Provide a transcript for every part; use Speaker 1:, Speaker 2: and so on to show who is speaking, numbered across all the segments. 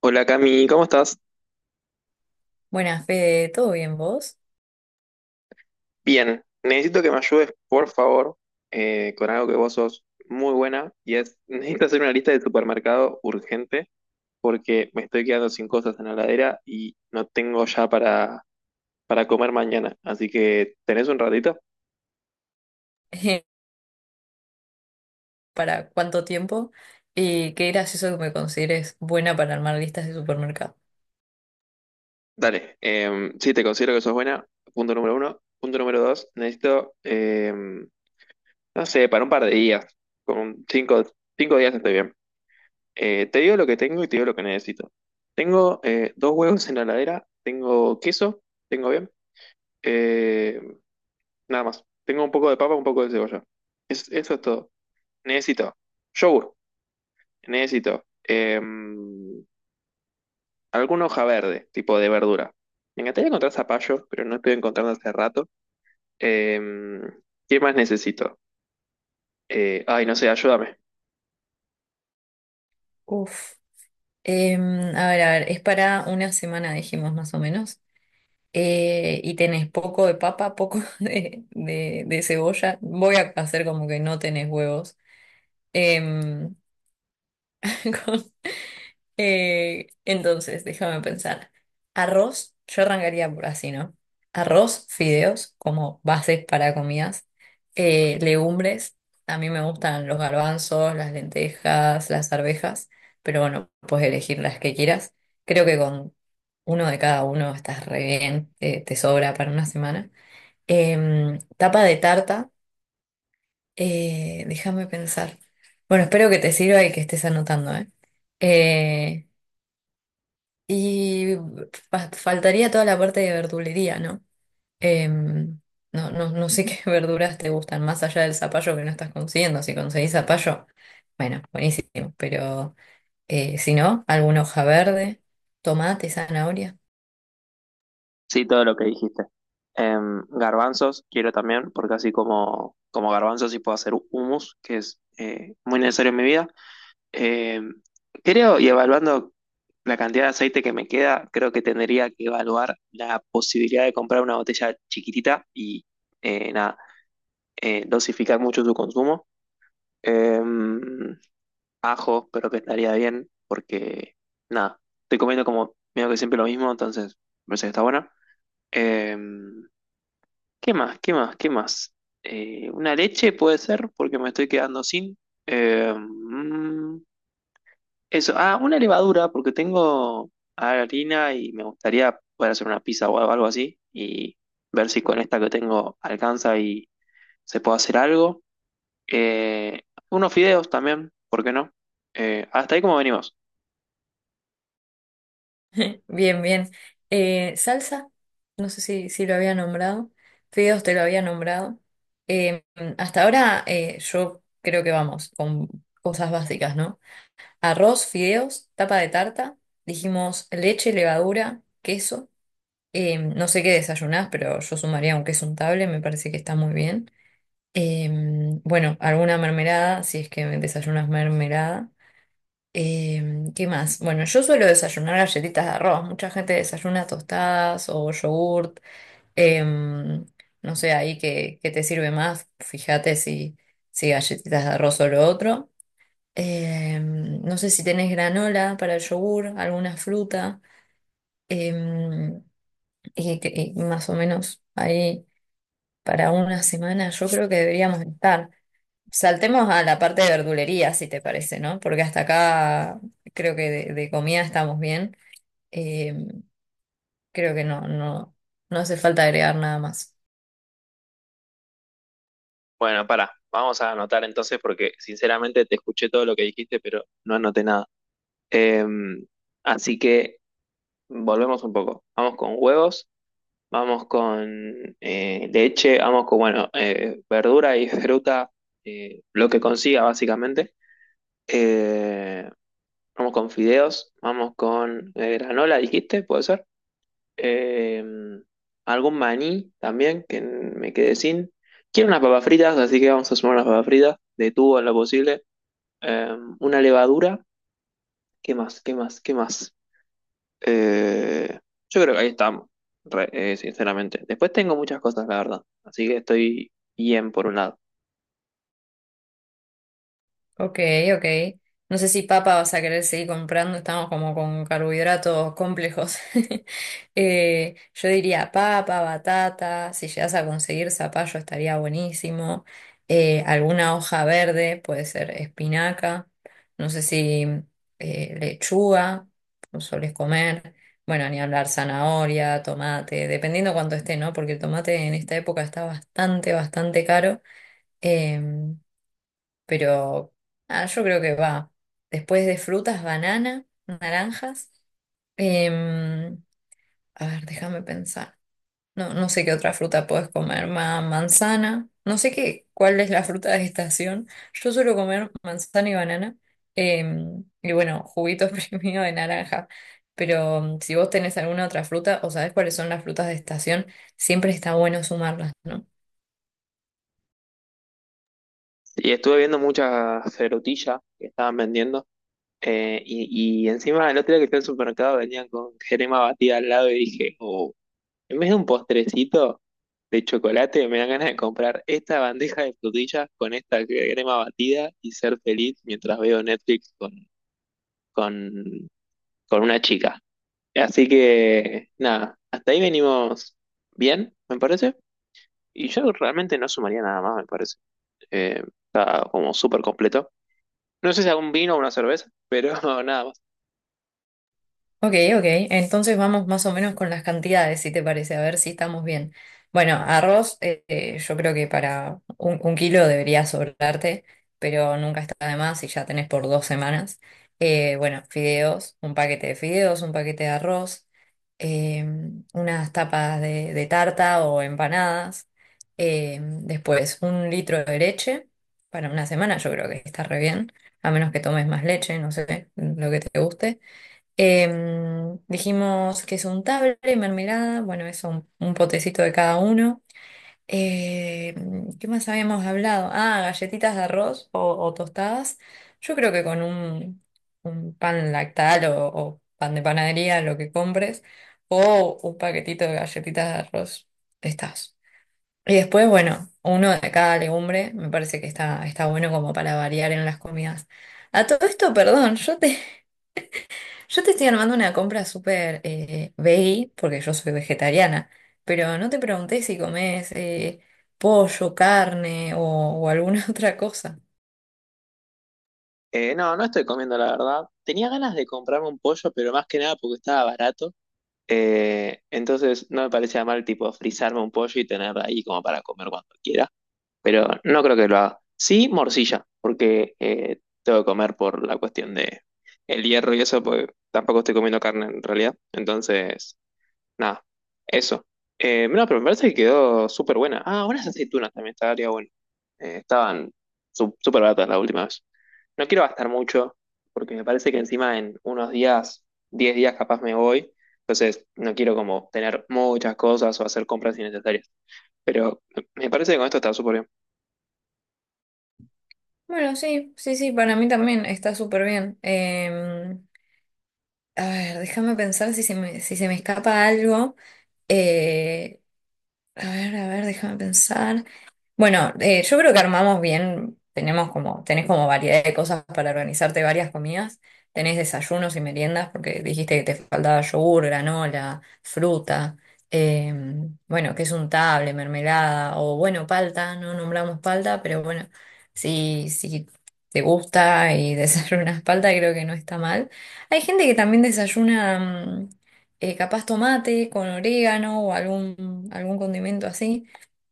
Speaker 1: Hola Cami, ¿cómo estás?
Speaker 2: Buenas, Fede, ¿todo bien vos?
Speaker 1: Bien, necesito que me ayudes, por favor, con algo que vos sos muy buena y es, necesito hacer una lista de supermercado urgente porque me estoy quedando sin cosas en la heladera y no tengo ya para comer mañana. Así que, ¿tenés un ratito?
Speaker 2: ¿Para cuánto tiempo? Y qué gracioso que me consideres buena para armar listas de supermercado.
Speaker 1: Dale, sí, te considero que sos buena, punto número uno. Punto número dos, necesito, no sé, para un par de días, con cinco días estoy bien. Te digo lo que tengo y te digo lo que necesito. Tengo dos huevos en la heladera, tengo queso, tengo bien, eh, nada más. Tengo un poco de papa, un poco de cebolla. Eso es todo. Necesito yogur, necesito alguna hoja verde, tipo de verdura. Me encantaría encontrar zapallo, pero no estoy encontrando hace rato. Eh, ¿Qué más necesito? Ay, no sé, ayúdame.
Speaker 2: Uf. A ver, a ver, es para una semana, dijimos más o menos. Y tenés poco de papa, poco de cebolla. Voy a hacer como que no tenés huevos. Em, entonces, déjame pensar. Arroz, yo arrancaría por así, ¿no? Arroz, fideos como bases para comidas. Legumbres, a mí me gustan los garbanzos, las lentejas, las arvejas, pero bueno, puedes elegir las que quieras. Creo que con uno de cada uno estás re bien, te sobra para una semana. Tapa de tarta, déjame pensar. Bueno, espero que te sirva y que estés anotando, ¿eh? Eh, y Faltaría toda la parte de verdulería, ¿no? Em, no sé qué verduras te gustan, más allá del zapallo que no estás consiguiendo. Si conseguís zapallo, bueno, buenísimo. Pero si no, alguna hoja verde, tomate, zanahoria.
Speaker 1: Sí, todo lo que dijiste. Garbanzos quiero también, porque así como, como garbanzos sí puedo hacer hummus, que es muy necesario en mi vida. Em, creo, y evaluando la cantidad de aceite que me queda, creo que tendría que evaluar la posibilidad de comprar una botella chiquitita y nada, dosificar mucho su consumo. Em, ajo, pero que estaría bien, porque nada, estoy comiendo como medio que siempre lo mismo, entonces me parece que está bueno. Em, ¿qué más? ¿Qué más? ¿Qué más? ¿Una leche puede ser? Porque me estoy quedando sin. Eh, mm, eso. Ah, una levadura, porque tengo harina y me gustaría poder hacer una pizza o algo así. Y ver si con esta que tengo alcanza y se puede hacer algo. Eh, unos fideos también, ¿por qué no? Hasta ahí como venimos.
Speaker 2: Bien, bien. Salsa, no sé si lo había nombrado. Fideos te lo había nombrado. Em, Hasta ahora yo creo que vamos con cosas básicas, ¿no? Arroz, fideos, tapa de tarta. Dijimos leche, levadura, queso. No sé qué desayunás, pero yo sumaría un queso untable, me parece que está muy bien. Bueno, alguna mermelada, si es que desayunas mermelada. ¿Qué más? Bueno, yo suelo desayunar galletitas de arroz. Mucha gente desayuna tostadas o yogurt. Em, no sé, ahí qué te sirve más. Fíjate si galletitas de arroz o lo otro. No sé si tenés granola para el yogur, alguna fruta, em, y más o menos ahí para una semana yo creo que deberíamos estar. Saltemos a la parte de verdulería, si te parece, ¿no? Porque hasta acá creo que de comida estamos bien. Em, creo que no hace falta agregar nada más.
Speaker 1: Bueno, para. Vamos a anotar entonces porque sinceramente te escuché todo lo que dijiste, pero no anoté nada. Em, así que volvemos un poco. Vamos con huevos, vamos con leche, vamos con, bueno, verdura y fruta, lo que consiga básicamente. Eh, vamos con fideos, vamos con granola, dijiste, puede ser. Eh, algún maní también, que me quedé sin. Quiero unas papas fritas, así que vamos a sumar unas papas fritas, de tubo en lo posible. Una levadura, ¿qué más? ¿Qué más? ¿Qué más? Eh, yo creo que ahí estamos, sinceramente. Después tengo muchas cosas, la verdad. Así que estoy bien por un lado.
Speaker 2: Ok, ok. No sé si papa vas a querer seguir comprando, estamos como con carbohidratos complejos. Yo diría papa, batata, si llegas a conseguir zapallo estaría buenísimo. Alguna hoja verde, puede ser espinaca, no sé si lechuga, no solés comer. Bueno, ni hablar zanahoria, tomate, dependiendo cuánto esté, ¿no? Porque el tomate en esta época está bastante, bastante caro. Em, pero ah, yo creo que va. Después de frutas, banana, naranjas. em, a ver, déjame pensar. No, no sé qué otra fruta puedes comer. Manzana. No sé qué, cuál es la fruta de estación. Yo suelo comer manzana y banana. Y bueno, juguito exprimido de naranja. Pero mm, si vos tenés alguna otra fruta o sabés cuáles son las frutas de estación, siempre está bueno sumarlas, ¿no?
Speaker 1: Y estuve viendo muchas ferutillas que estaban vendiendo. Y encima el otro día que fui al supermercado venían con crema batida al lado y dije, oh, en vez de un postrecito de chocolate, me dan ganas de comprar esta bandeja de frutillas con esta crema batida y ser feliz mientras veo Netflix con, con una chica. Así que, nada, hasta ahí venimos bien, me parece. Y yo realmente no sumaría nada más, me parece. Eh, está como súper completo. No sé si algún vino o una cerveza, pero nada más.
Speaker 2: Ok, ok. Entonces vamos más o menos con las cantidades, si te parece, a ver si estamos bien. Bueno, arroz, yo creo que para un kilo debería sobrarte, pero nunca está de más si ya tenés por dos semanas. Bueno, fideos, un paquete de fideos, un paquete de arroz, unas tapas de tarta o empanadas. Después, un litro de leche para una semana, yo creo que está re bien, a menos que tomes más leche, no sé, lo que te guste. Dijimos que es untable y mermelada, bueno, eso, un potecito de cada uno. ¿Qué más habíamos hablado? Ah, galletitas de arroz o tostadas. Yo creo que con un pan lactal o pan de panadería, lo que compres, o un paquetito de galletitas de arroz, estás. Y después, bueno, uno de cada legumbre, me parece que está, está bueno como para variar en las comidas. A todo esto, perdón, yo te estoy armando una compra súper veggie, porque yo soy vegetariana, pero no te pregunté si comes pollo, carne o alguna otra cosa.
Speaker 1: No, no estoy comiendo, la verdad. Tenía ganas de comprarme un pollo, pero más que nada porque estaba barato. Entonces no me parecía mal, tipo, frizarme un pollo y tener ahí como para comer cuando quiera. Pero no creo que lo haga. Sí, morcilla, porque tengo que comer por la cuestión de el hierro y eso, pues tampoco estoy comiendo carne en realidad. Entonces, nada, eso. No, pero me parece que quedó súper buena. Ah, unas aceitunas también estaría bueno. Estaban súper baratas la última vez. No quiero gastar mucho, porque me parece que encima en unos días, 10 días capaz me voy. Entonces, no quiero como tener muchas cosas o hacer compras innecesarias. Pero me parece que con esto está súper bien.
Speaker 2: Bueno, sí, sí, sí, para mí también está súper bien. A ver, déjame pensar si se me escapa algo. Eh, a ver, a ver, déjame pensar. Bueno, yo creo que armamos bien, tenemos como, tenés como variedad de cosas para organizarte varias comidas, tenés desayunos y meriendas, porque dijiste que te faltaba yogur, granola, fruta, eh, bueno, que es un table, mermelada, o bueno, palta, no nombramos palta, pero bueno, si te gusta y desayunas palta, creo que no está mal. Hay gente que también desayuna mm, capaz tomate con orégano o algún condimento así.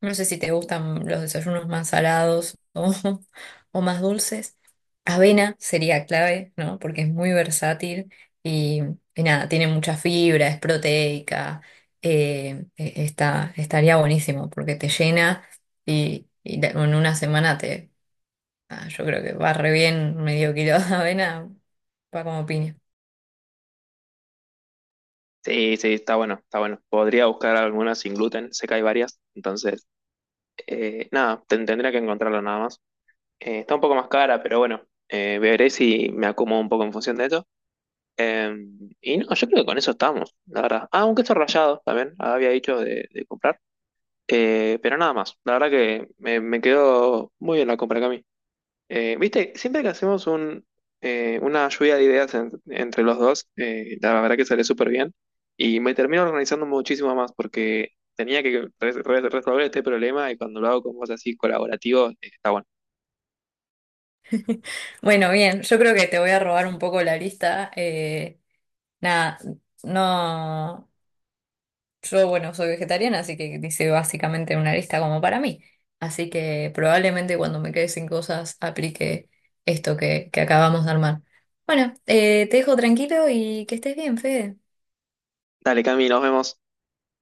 Speaker 2: No sé si te gustan los desayunos más salados o, o más dulces. Avena sería clave, ¿no? Porque es muy versátil y, y nada, tiene mucha fibra, es proteica. Estaría buenísimo porque te llena y, en una semana te... ah, yo creo que va re bien medio kilo de avena, va como piña.
Speaker 1: Sí, sí, está bueno, está bueno. Podría buscar algunas sin gluten, sé que hay varias, entonces, nada, tendría que encontrarlo nada más. Está un poco más cara, pero bueno, veré si me acomodo un poco en función de eso. Eh, y no, yo creo que con eso estamos, la verdad. Ah, un queso rallado también, había dicho de comprar. Pero nada más. La verdad que me quedó muy bien la compra, Cami. Viste, siempre que hacemos una lluvia de ideas entre los dos, la verdad que sale súper bien y me termino organizando muchísimo más porque tenía que resolver este problema y cuando lo hago con vos así colaborativo, está bueno.
Speaker 2: Bueno, bien, yo creo que te voy a robar un poco la lista. Nada, no. Yo, bueno, soy vegetariana, así que dice básicamente una lista como para mí. Así que probablemente cuando me quede sin cosas aplique esto que acabamos de armar. Bueno, te dejo tranquilo y que estés bien, Fede.
Speaker 1: Dale, Cami, nos vemos.